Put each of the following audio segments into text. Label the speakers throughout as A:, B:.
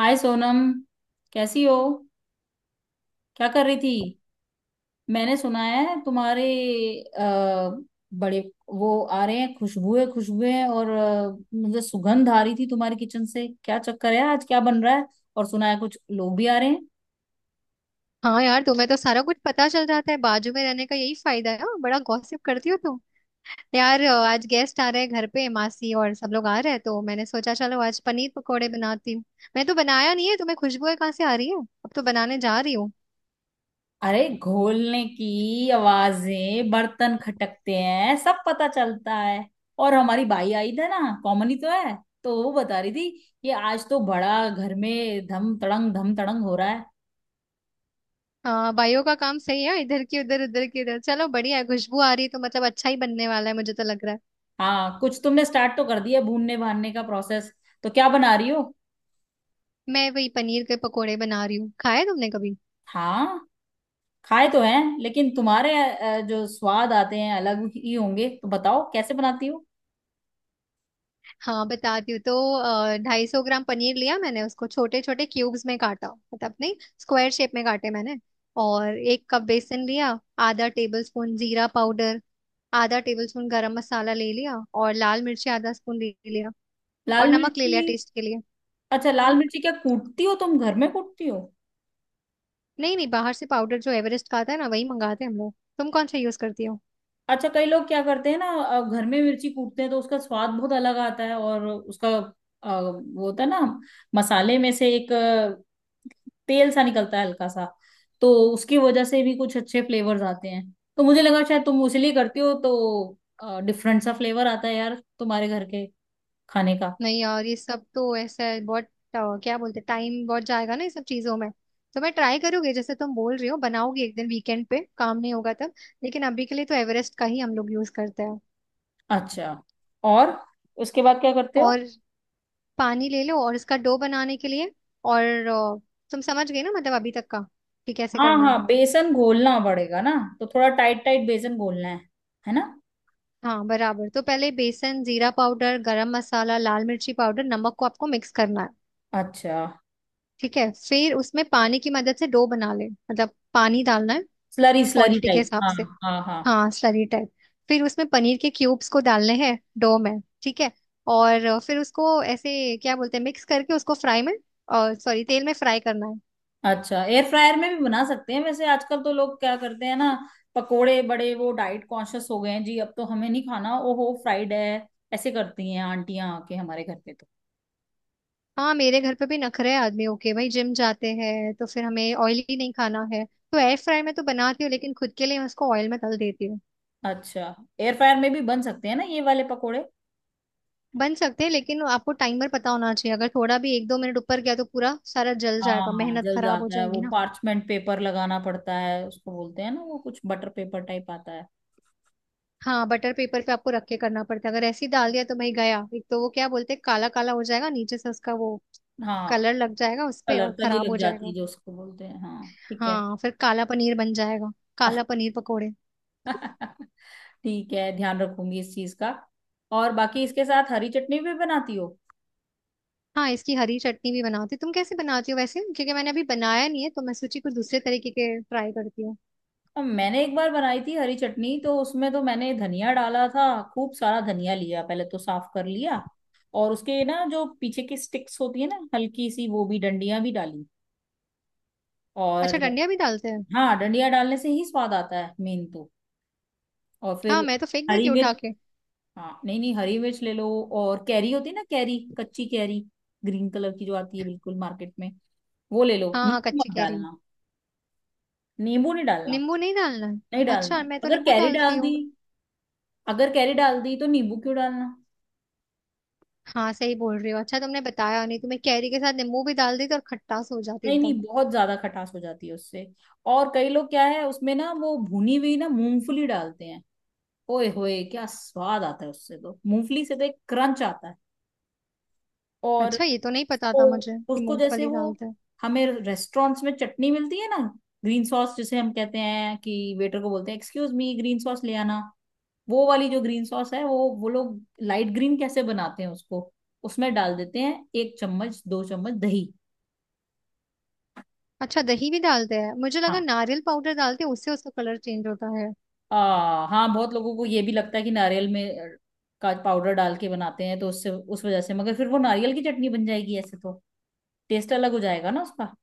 A: हाय सोनम। कैसी हो। क्या कर रही थी। मैंने सुना है तुम्हारे आ, बड़े वो आ रहे हैं। खुशबुए खुशबुए और मुझे सुगंध आ रही थी तुम्हारे किचन से। क्या चक्कर है आज। क्या बन रहा है। और सुना है कुछ लोग भी आ रहे हैं।
B: हाँ यार तुम्हें तो सारा कुछ पता चल जाता है, बाजू में रहने का यही फायदा है। हाँ, बड़ा गॉसिप करती हो तुम। यार आज गेस्ट आ रहे हैं घर पे, मासी और सब लोग आ रहे हैं तो मैंने सोचा चलो आज पनीर पकोड़े बनाती हूँ। मैं तो बनाया नहीं है, तुम्हें खुशबू है कहाँ से आ रही है? अब तो बनाने जा रही हूँ।
A: अरे घोलने की आवाजें बर्तन खटकते हैं सब पता चलता है। और हमारी बाई आई थी ना कॉमन ही तो है। तो वो बता रही थी कि आज तो बड़ा घर में धम तड़ंग हो रहा है।
B: हाँ, भाइयों का काम सही है, इधर की उधर उधर की उधर। चलो बढ़िया है, खुशबू आ रही है तो मतलब अच्छा ही बनने वाला है, मुझे तो लग रहा है।
A: हाँ कुछ तुमने स्टार्ट तो कर दिया भूनने भानने का प्रोसेस। तो क्या बना रही हो।
B: मैं वही पनीर के पकोड़े बना रही हूँ। खाए तुमने कभी?
A: हाँ खाए तो हैं, लेकिन तुम्हारे जो स्वाद आते हैं अलग ही होंगे। तो बताओ कैसे बनाती हो।
B: हाँ बताती हूँ तो। 250 ग्राम पनीर लिया, मैंने उसको छोटे छोटे क्यूब्स में काटा, मतलब नहीं, स्क्वायर शेप में काटे मैंने। और एक कप बेसन लिया, आधा टेबल स्पून जीरा पाउडर, आधा टेबल स्पून गरम मसाला ले लिया, और लाल मिर्ची आधा स्पून ले लिया, और
A: लाल
B: नमक ले
A: मिर्ची।
B: लिया टेस्ट के लिए।
A: अच्छा लाल
B: हाँ,
A: मिर्ची क्या कूटती हो, तुम घर में कूटती हो।
B: नहीं नहीं, बाहर से पाउडर जो एवरेस्ट का आता है ना, वही मंगाते हैं हम लोग। तुम कौन सा यूज करती हो?
A: अच्छा कई लोग क्या करते हैं ना, घर में मिर्ची कूटते हैं तो उसका स्वाद बहुत अलग आता है। और उसका वो होता है ना, मसाले में से एक तेल सा निकलता है हल्का सा। तो उसकी वजह से भी कुछ अच्छे फ्लेवर्स आते हैं। तो मुझे लगा शायद तुम उसी लिए करती हो तो डिफरेंट सा फ्लेवर आता है यार तुम्हारे घर के खाने का।
B: नहीं यार ये सब तो ऐसा है, बहुत क्या बोलते, टाइम बहुत जाएगा ना ये सब चीजों में। तो मैं ट्राई करूंगी जैसे तुम बोल रही हो, बनाओगी एक दिन वीकेंड पे, काम नहीं होगा तब। लेकिन अभी के लिए तो एवरेस्ट का ही हम लोग यूज करते हैं।
A: अच्छा। और उसके बाद क्या करते हो।
B: और पानी ले लो और इसका डो बनाने के लिए। और तुम समझ गए ना मतलब अभी तक का, कि कैसे
A: हाँ
B: करना है?
A: हाँ बेसन घोलना पड़ेगा ना। तो थोड़ा टाइट टाइट बेसन घोलना है। है ना।
B: हाँ बराबर। तो पहले बेसन, जीरा पाउडर, गरम मसाला, लाल मिर्ची पाउडर, नमक को आपको मिक्स करना है।
A: अच्छा।
B: ठीक है, फिर उसमें पानी की मदद से डो बना ले, मतलब पानी डालना है
A: स्लरी स्लरी
B: क्वांटिटी के
A: टाइप।
B: हिसाब
A: हाँ।
B: से।
A: हाँ हाँ।
B: हाँ स्लरी टाइप। फिर उसमें पनीर के क्यूब्स को डालने हैं डो में, ठीक है। और फिर उसको ऐसे क्या बोलते हैं, मिक्स करके उसको फ्राई में, और सॉरी तेल में फ्राई करना है।
A: अच्छा एयर फ्रायर में भी बना सकते हैं वैसे, आजकल तो लोग क्या करते हैं ना। पकोड़े बड़े, वो डाइट कॉन्शियस हो गए हैं जी। अब तो हमें नहीं खाना, ओहो फ्राइड है। ऐसे करती हैं आंटियां आके हमारे घर पे तो।
B: हाँ, मेरे घर पे भी नखरे हैं आदमी। ओके भाई जिम जाते हैं तो फिर हमें ऑयली नहीं खाना है। तो एयर फ्राई में तो बनाती हूँ, लेकिन खुद के लिए मैं उसको ऑयल में तल देती हूँ।
A: अच्छा एयर फ्रायर में भी बन सकते हैं ना ये वाले पकोड़े।
B: बन सकते हैं, लेकिन आपको टाइमर पता होना चाहिए, अगर थोड़ा भी एक दो मिनट ऊपर गया तो पूरा सारा जल जाएगा,
A: हाँ
B: मेहनत
A: जल
B: खराब हो
A: जाता है वो।
B: जाएगी ना।
A: पार्चमेंट पेपर लगाना पड़ता है उसको। बोलते हैं ना, वो कुछ बटर पेपर टाइप आता है।
B: हाँ, बटर पेपर पे आपको रख के करना पड़ता है, अगर ऐसे ही डाल दिया तो भाई गया। एक तो वो क्या बोलते हैं, काला काला हो जाएगा नीचे से, उसका वो
A: हाँ।
B: कलर लग जाएगा उस पे
A: कलर
B: और
A: तली
B: खराब
A: लग
B: हो
A: जाती
B: जाएगा।
A: है जो उसको बोलते हैं। हाँ ठीक है।
B: हाँ फिर काला पनीर बन जाएगा। काला पनीर पकोड़े।
A: ठीक है, ध्यान रखूंगी इस चीज का। और बाकी इसके साथ हरी चटनी भी बनाती हो।
B: हाँ इसकी हरी चटनी भी बनाती हूँ। तुम कैसे बनाती हो वैसे? क्योंकि मैंने अभी बनाया नहीं है तो मैं सोची कुछ दूसरे तरीके के ट्राई करती हूँ।
A: अब मैंने एक बार बनाई थी हरी चटनी तो उसमें तो मैंने धनिया डाला था। खूब सारा धनिया लिया, पहले तो साफ कर लिया। और उसके ना जो पीछे की स्टिक्स होती है ना हल्की सी, वो भी डंडियां भी डाली।
B: अच्छा,
A: और
B: डंडिया भी डालते हैं?
A: हाँ डंडियां डालने से ही स्वाद आता है मेन तो। और
B: हाँ
A: फिर
B: मैं तो फेंक देती
A: हरी
B: हूँ उठा
A: मिर्च।
B: के।
A: हाँ। नहीं नहीं, हरी मिर्च ले लो। और कैरी होती है ना, कैरी, कच्ची कैरी, ग्रीन कलर की जो आती है बिल्कुल मार्केट में। वो ले लो।
B: हाँ हाँ
A: नींबू
B: कच्ची
A: मत
B: कह रही।
A: डालना। नींबू नहीं डालना।
B: नींबू नहीं डालना है?
A: नहीं
B: अच्छा
A: डालना
B: मैं तो
A: अगर
B: नींबू
A: कैरी
B: डालती
A: डाल
B: हूँ।
A: दी। अगर कैरी डाल दी तो नींबू क्यों डालना।
B: हाँ सही बोल रही हो। अच्छा तुमने बताया नहीं, तुम्हें कैरी के साथ नींबू भी डाल दी तो और खट्टास हो जाती
A: नहीं नहीं,
B: एकदम।
A: बहुत ज्यादा खटास हो जाती है उससे। और कई लोग क्या है, उसमें ना वो भुनी हुई ना मूंगफली डालते हैं। ओए होए, क्या स्वाद आता है उससे, तो मूंगफली से तो एक क्रंच आता है। और
B: अच्छा, ये तो नहीं पता था
A: उसको,
B: मुझे कि
A: उसको जैसे
B: मूंगफली
A: वो,
B: डालते हैं।
A: हमें रेस्टोरेंट्स में चटनी मिलती है ना, ग्रीन सॉस जिसे हम कहते हैं कि वेटर को बोलते हैं एक्सक्यूज मी ग्रीन सॉस ले आना। वो वाली जो ग्रीन सॉस है, वो लोग लाइट ग्रीन कैसे बनाते हैं उसको। उसमें डाल देते हैं एक चम्मच दो चम्मच दही।
B: अच्छा, दही भी डालते हैं? मुझे लगा
A: हाँ।
B: नारियल पाउडर डालते हैं उससे, उसका कलर चेंज होता है।
A: हाँ बहुत लोगों को ये भी लगता है कि नारियल में का पाउडर डाल के बनाते हैं तो उससे, उस वजह से। मगर फिर वो नारियल की चटनी बन जाएगी ऐसे तो। टेस्ट अलग हो जाएगा ना उसका।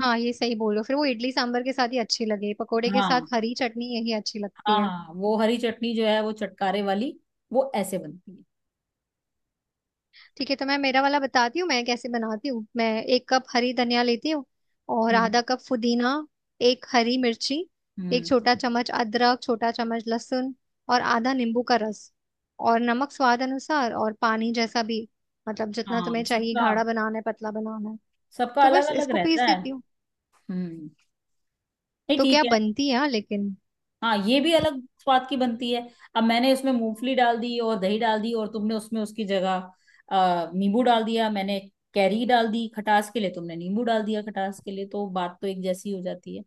B: हाँ ये सही बोलो, फिर वो इडली सांभर के साथ ही अच्छी लगे, पकोड़े के
A: हाँ।
B: साथ हरी चटनी यही अच्छी लगती
A: हाँ
B: है।
A: हाँ, वो हरी चटनी जो है वो चटकारे वाली, वो ऐसे बनती है।
B: ठीक है तो मैं मेरा वाला बताती हूँ, मैं कैसे बनाती हूँ। मैं एक कप हरी धनिया लेती हूँ, और
A: हम्म।
B: आधा कप पुदीना, एक हरी मिर्ची, एक
A: हम्म।
B: छोटा चम्मच अदरक, छोटा चम्मच लहसुन, और आधा नींबू का रस, और नमक स्वाद अनुसार, और पानी जैसा भी। मतलब जितना
A: हाँ,
B: तुम्हें चाहिए,
A: सबका
B: गाढ़ा बनाना है पतला बनाना है।
A: सबका
B: तो
A: अलग
B: बस
A: अलग
B: इसको
A: रहता
B: पीस
A: है।
B: देती हूँ।
A: हम्म। नहीं
B: तो क्या
A: ठीक है।
B: बनती है हाँ, लेकिन।
A: हाँ ये भी अलग स्वाद की बनती है। अब मैंने उसमें मूंगफली डाल दी और दही डाल दी, और तुमने उसमें उसकी जगह नींबू डाल दिया। मैंने कैरी डाल दी खटास के लिए, तुमने नींबू डाल दिया खटास के लिए, तो बात तो एक जैसी हो जाती है।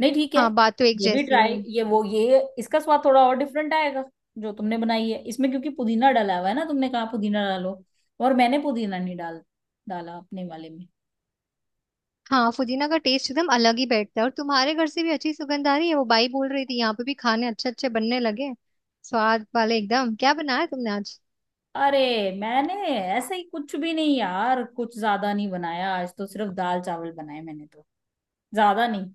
A: नहीं ठीक है।
B: हाँ, बात तो एक
A: ये भी
B: जैसी है।
A: ट्राई, ये वो, ये इसका स्वाद थोड़ा और डिफरेंट आएगा जो तुमने बनाई है इसमें, क्योंकि पुदीना डाला हुआ है ना, तुमने कहा पुदीना डालो, और मैंने पुदीना नहीं डाला अपने वाले में।
B: हाँ पुदीना का टेस्ट एकदम अलग ही बैठता है। और तुम्हारे घर से भी अच्छी सुगंध आ रही है, वो बाई बोल रही थी यहाँ पे भी खाने अच्छे अच्छे बनने लगे हैं। स्वाद वाले एकदम। क्या बनाया तुमने आज?
A: अरे मैंने ऐसे ही, कुछ भी नहीं यार, कुछ ज्यादा नहीं बनाया आज तो। सिर्फ दाल चावल बनाए मैंने तो, ज्यादा नहीं।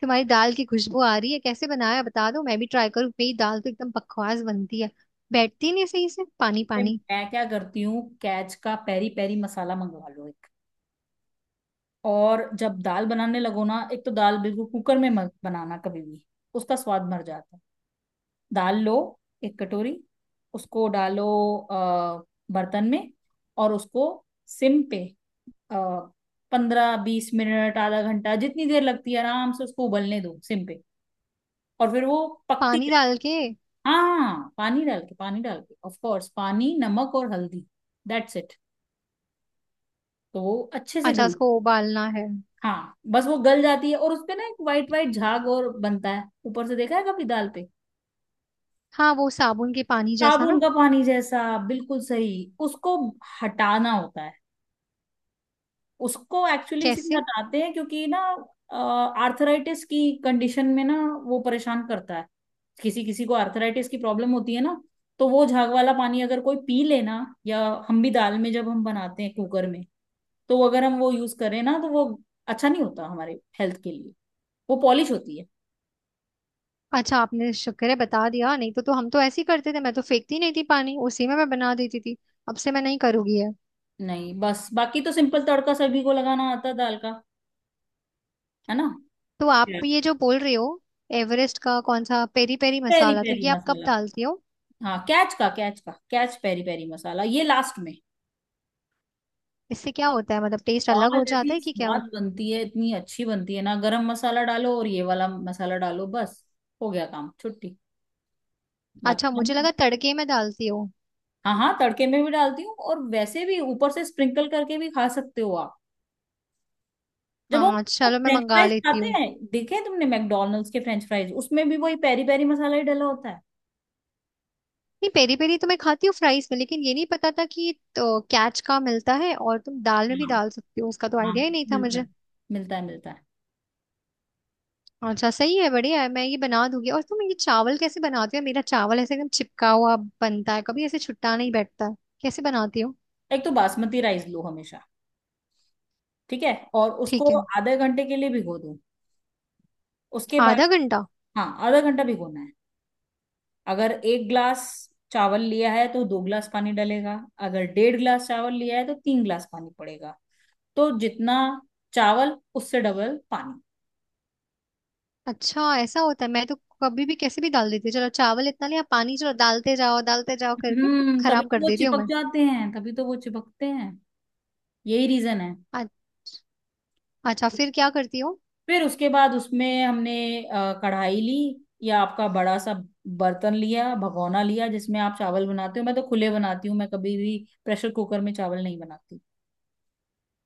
B: तुम्हारी दाल की खुशबू आ रही है, कैसे बनाया बता दो मैं भी ट्राई करूँ। मेरी दाल तो एकदम बकवास बनती है, बैठती नहीं सही से, पानी
A: ए,
B: पानी।
A: मैं क्या करती हूँ, कैच का पेरी पेरी मसाला मंगवा लो एक। और जब दाल बनाने लगो ना, एक तो दाल बिल्कुल कुकर में मत बनाना कभी भी, उसका स्वाद मर जाता है। दाल लो एक कटोरी, उसको डालो अ, बर्तन में, और उसको सिम पे 15-20 मिनट आधा घंटा जितनी देर लगती है आराम से उसको उबलने दो सिम पे। और फिर वो पकती।
B: पानी डाल के?
A: हाँ पानी डाल के, पानी डाल के, ऑफ कोर्स पानी, नमक और हल्दी। That's it. तो वो अच्छे से
B: अच्छा
A: गल।
B: उसको उबालना है।
A: हाँ बस वो गल जाती है, और उसपे ना एक वाइट वाइट झाग और बनता है ऊपर से, देखा है कभी दाल पे।
B: हाँ वो साबुन के पानी जैसा
A: साबुन
B: ना।
A: का पानी जैसा, बिल्कुल सही। उसको हटाना होता है उसको, एक्चुअली इसीलिए
B: कैसे?
A: हटाते हैं क्योंकि ना, आर्थराइटिस की कंडीशन में ना वो परेशान करता है। किसी किसी को आर्थराइटिस की प्रॉब्लम होती है ना, तो वो झाग वाला पानी अगर कोई पी लेना, या हम भी दाल में जब हम बनाते हैं कुकर में, तो अगर हम वो यूज करें ना तो वो अच्छा नहीं होता हमारे हेल्थ के लिए। वो पॉलिश होती है।
B: अच्छा आपने शुक्र है बता दिया, नहीं तो तो हम तो ऐसे ही करते थे, मैं तो फेंकती नहीं थी पानी, उसी में मैं बना देती थी। अब से मैं नहीं करूंगी ये।
A: नहीं बस, बाकी तो सिंपल तड़का सभी को लगाना आता है दाल का। है ना।
B: तो
A: Yeah.
B: आप ये जो बोल रहे हो एवरेस्ट का कौन सा पेरी पेरी
A: पेरी
B: मसाला? तो
A: पेरी
B: ये आप कब
A: मसाला।
B: डालती हो?
A: हाँ कैच पेरी पेरी मसाला ये लास्ट में।
B: इससे क्या होता है, मतलब टेस्ट अलग
A: दाल
B: हो
A: ऐसी
B: जाता है कि क्या
A: स्वाद
B: होता
A: बनती है, इतनी अच्छी बनती है ना, गरम मसाला डालो और ये वाला मसाला डालो, बस हो गया काम छुट्टी।
B: है?
A: बाकी
B: अच्छा मुझे लगा तड़के में डालती हो।
A: हाँ हाँ तड़के में भी डालती हूँ, और वैसे भी ऊपर से स्प्रिंकल करके भी खा सकते हो आप। जब हम
B: हाँ चलो मैं
A: फ्रेंच
B: मंगा
A: फ्राइज
B: लेती
A: खाते
B: हूँ।
A: हैं, देखे हैं तुमने मैकडोनल्ड्स के फ्रेंच फ्राइज, उसमें भी वही पेरी पेरी मसाला ही डाला होता
B: नहीं, पेरी पेरी तो मैं खाती हूँ फ्राइज में, लेकिन ये नहीं पता था कि तो कैच का मिलता है और तुम दाल में
A: है।
B: भी डाल सकती हो, उसका तो
A: हाँ
B: आइडिया ही नहीं था
A: मिलता है,
B: मुझे।
A: मिलता है मिलता है।
B: अच्छा सही है बढ़िया है, मैं ये बना दूंगी। और तुम ये चावल कैसे बनाती हो? मेरा चावल ऐसे एकदम चिपका हुआ बनता है, कभी ऐसे छुट्टा नहीं बैठता है। कैसे बनाती हो?
A: एक तो बासमती राइस लो हमेशा, ठीक है। और
B: ठीक
A: उसको
B: है।
A: आधे घंटे के लिए भिगो दो, उसके बाद।
B: आधा घंटा?
A: हाँ आधा घंटा भिगोना है। अगर 1 ग्लास चावल लिया है तो 2 ग्लास पानी डलेगा। अगर डेढ़ ग्लास चावल लिया है तो 3 ग्लास पानी पड़ेगा। तो जितना चावल उससे डबल पानी।
B: अच्छा ऐसा होता है, मैं तो कभी भी कैसे भी डाल देती हूँ, चलो चावल इतना लिया, पानी चलो डालते जाओ करके
A: तभी
B: खराब
A: तो
B: कर
A: वो
B: देती हूँ
A: चिपक
B: मैं।
A: जाते हैं, तभी तो वो चिपकते हैं, यही रीजन है।
B: अ- अच्छा फिर क्या करती हूँ?
A: फिर उसके बाद उसमें हमने कढ़ाई ली, या आपका बड़ा सा बर्तन लिया, भगोना लिया, जिसमें आप चावल बनाते हो। मैं तो खुले बनाती हूँ, मैं कभी भी प्रेशर कुकर में चावल नहीं बनाती।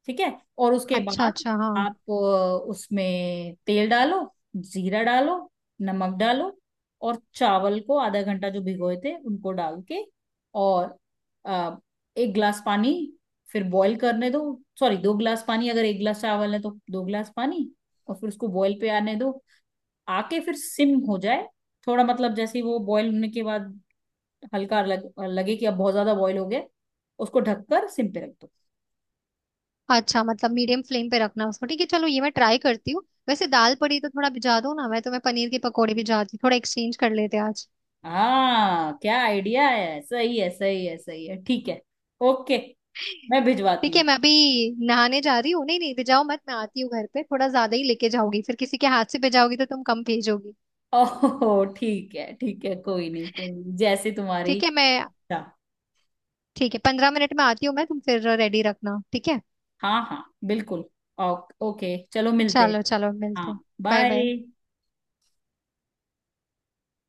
A: ठीक है। और उसके
B: अच्छा
A: बाद
B: अच्छा हाँ।
A: आप उसमें तेल डालो, जीरा डालो, नमक डालो, और चावल को आधा घंटा जो भिगोए थे उनको डाल के, और अ, 1 गिलास पानी, फिर बॉईल करने दो। सॉरी, 2 गिलास पानी, अगर 1 गिलास चावल है तो 2 गिलास पानी। और फिर उसको बॉईल पे आने दो, आके फिर सिम हो जाए थोड़ा। मतलब जैसे ही वो बॉईल होने के बाद हल्का लगे कि अब बहुत ज्यादा बॉईल हो गया, उसको ढककर सिम पे रख दो।
B: अच्छा मतलब मीडियम फ्लेम पे रखना उसको, ठीक है चलो ये मैं ट्राई करती हूँ। वैसे दाल पड़ी तो थोड़ा भिजा दो ना, मैं तो मैं पनीर के पकौड़े भिजाती हूँ। थोड़ा एक्सचेंज कर लेते हैं आज।
A: हाँ क्या आइडिया है, सही है सही है सही है, ठीक है। ओके, मैं भिजवाती
B: ठीक है
A: हूँ।
B: मैं अभी नहाने जा रही हूँ। नहीं नहीं भिजाओ मत, मैं आती हूँ घर पे, थोड़ा ज्यादा ही लेके जाओगी, फिर किसी के हाथ से भिजाओगी तो तुम कम भेजोगी।
A: ओहो ठीक है ठीक है, कोई नहीं कोई नहीं, जैसे तुम्हारी
B: ठीक है मैं।
A: इच्छा।
B: ठीक है 15 मिनट में आती हूँ मैं, तुम फिर रेडी रखना ठीक है?
A: हाँ हाँ बिल्कुल। ओके चलो मिलते हैं।
B: चलो चलो मिलते
A: हाँ
B: हैं। Bye bye.
A: बाय।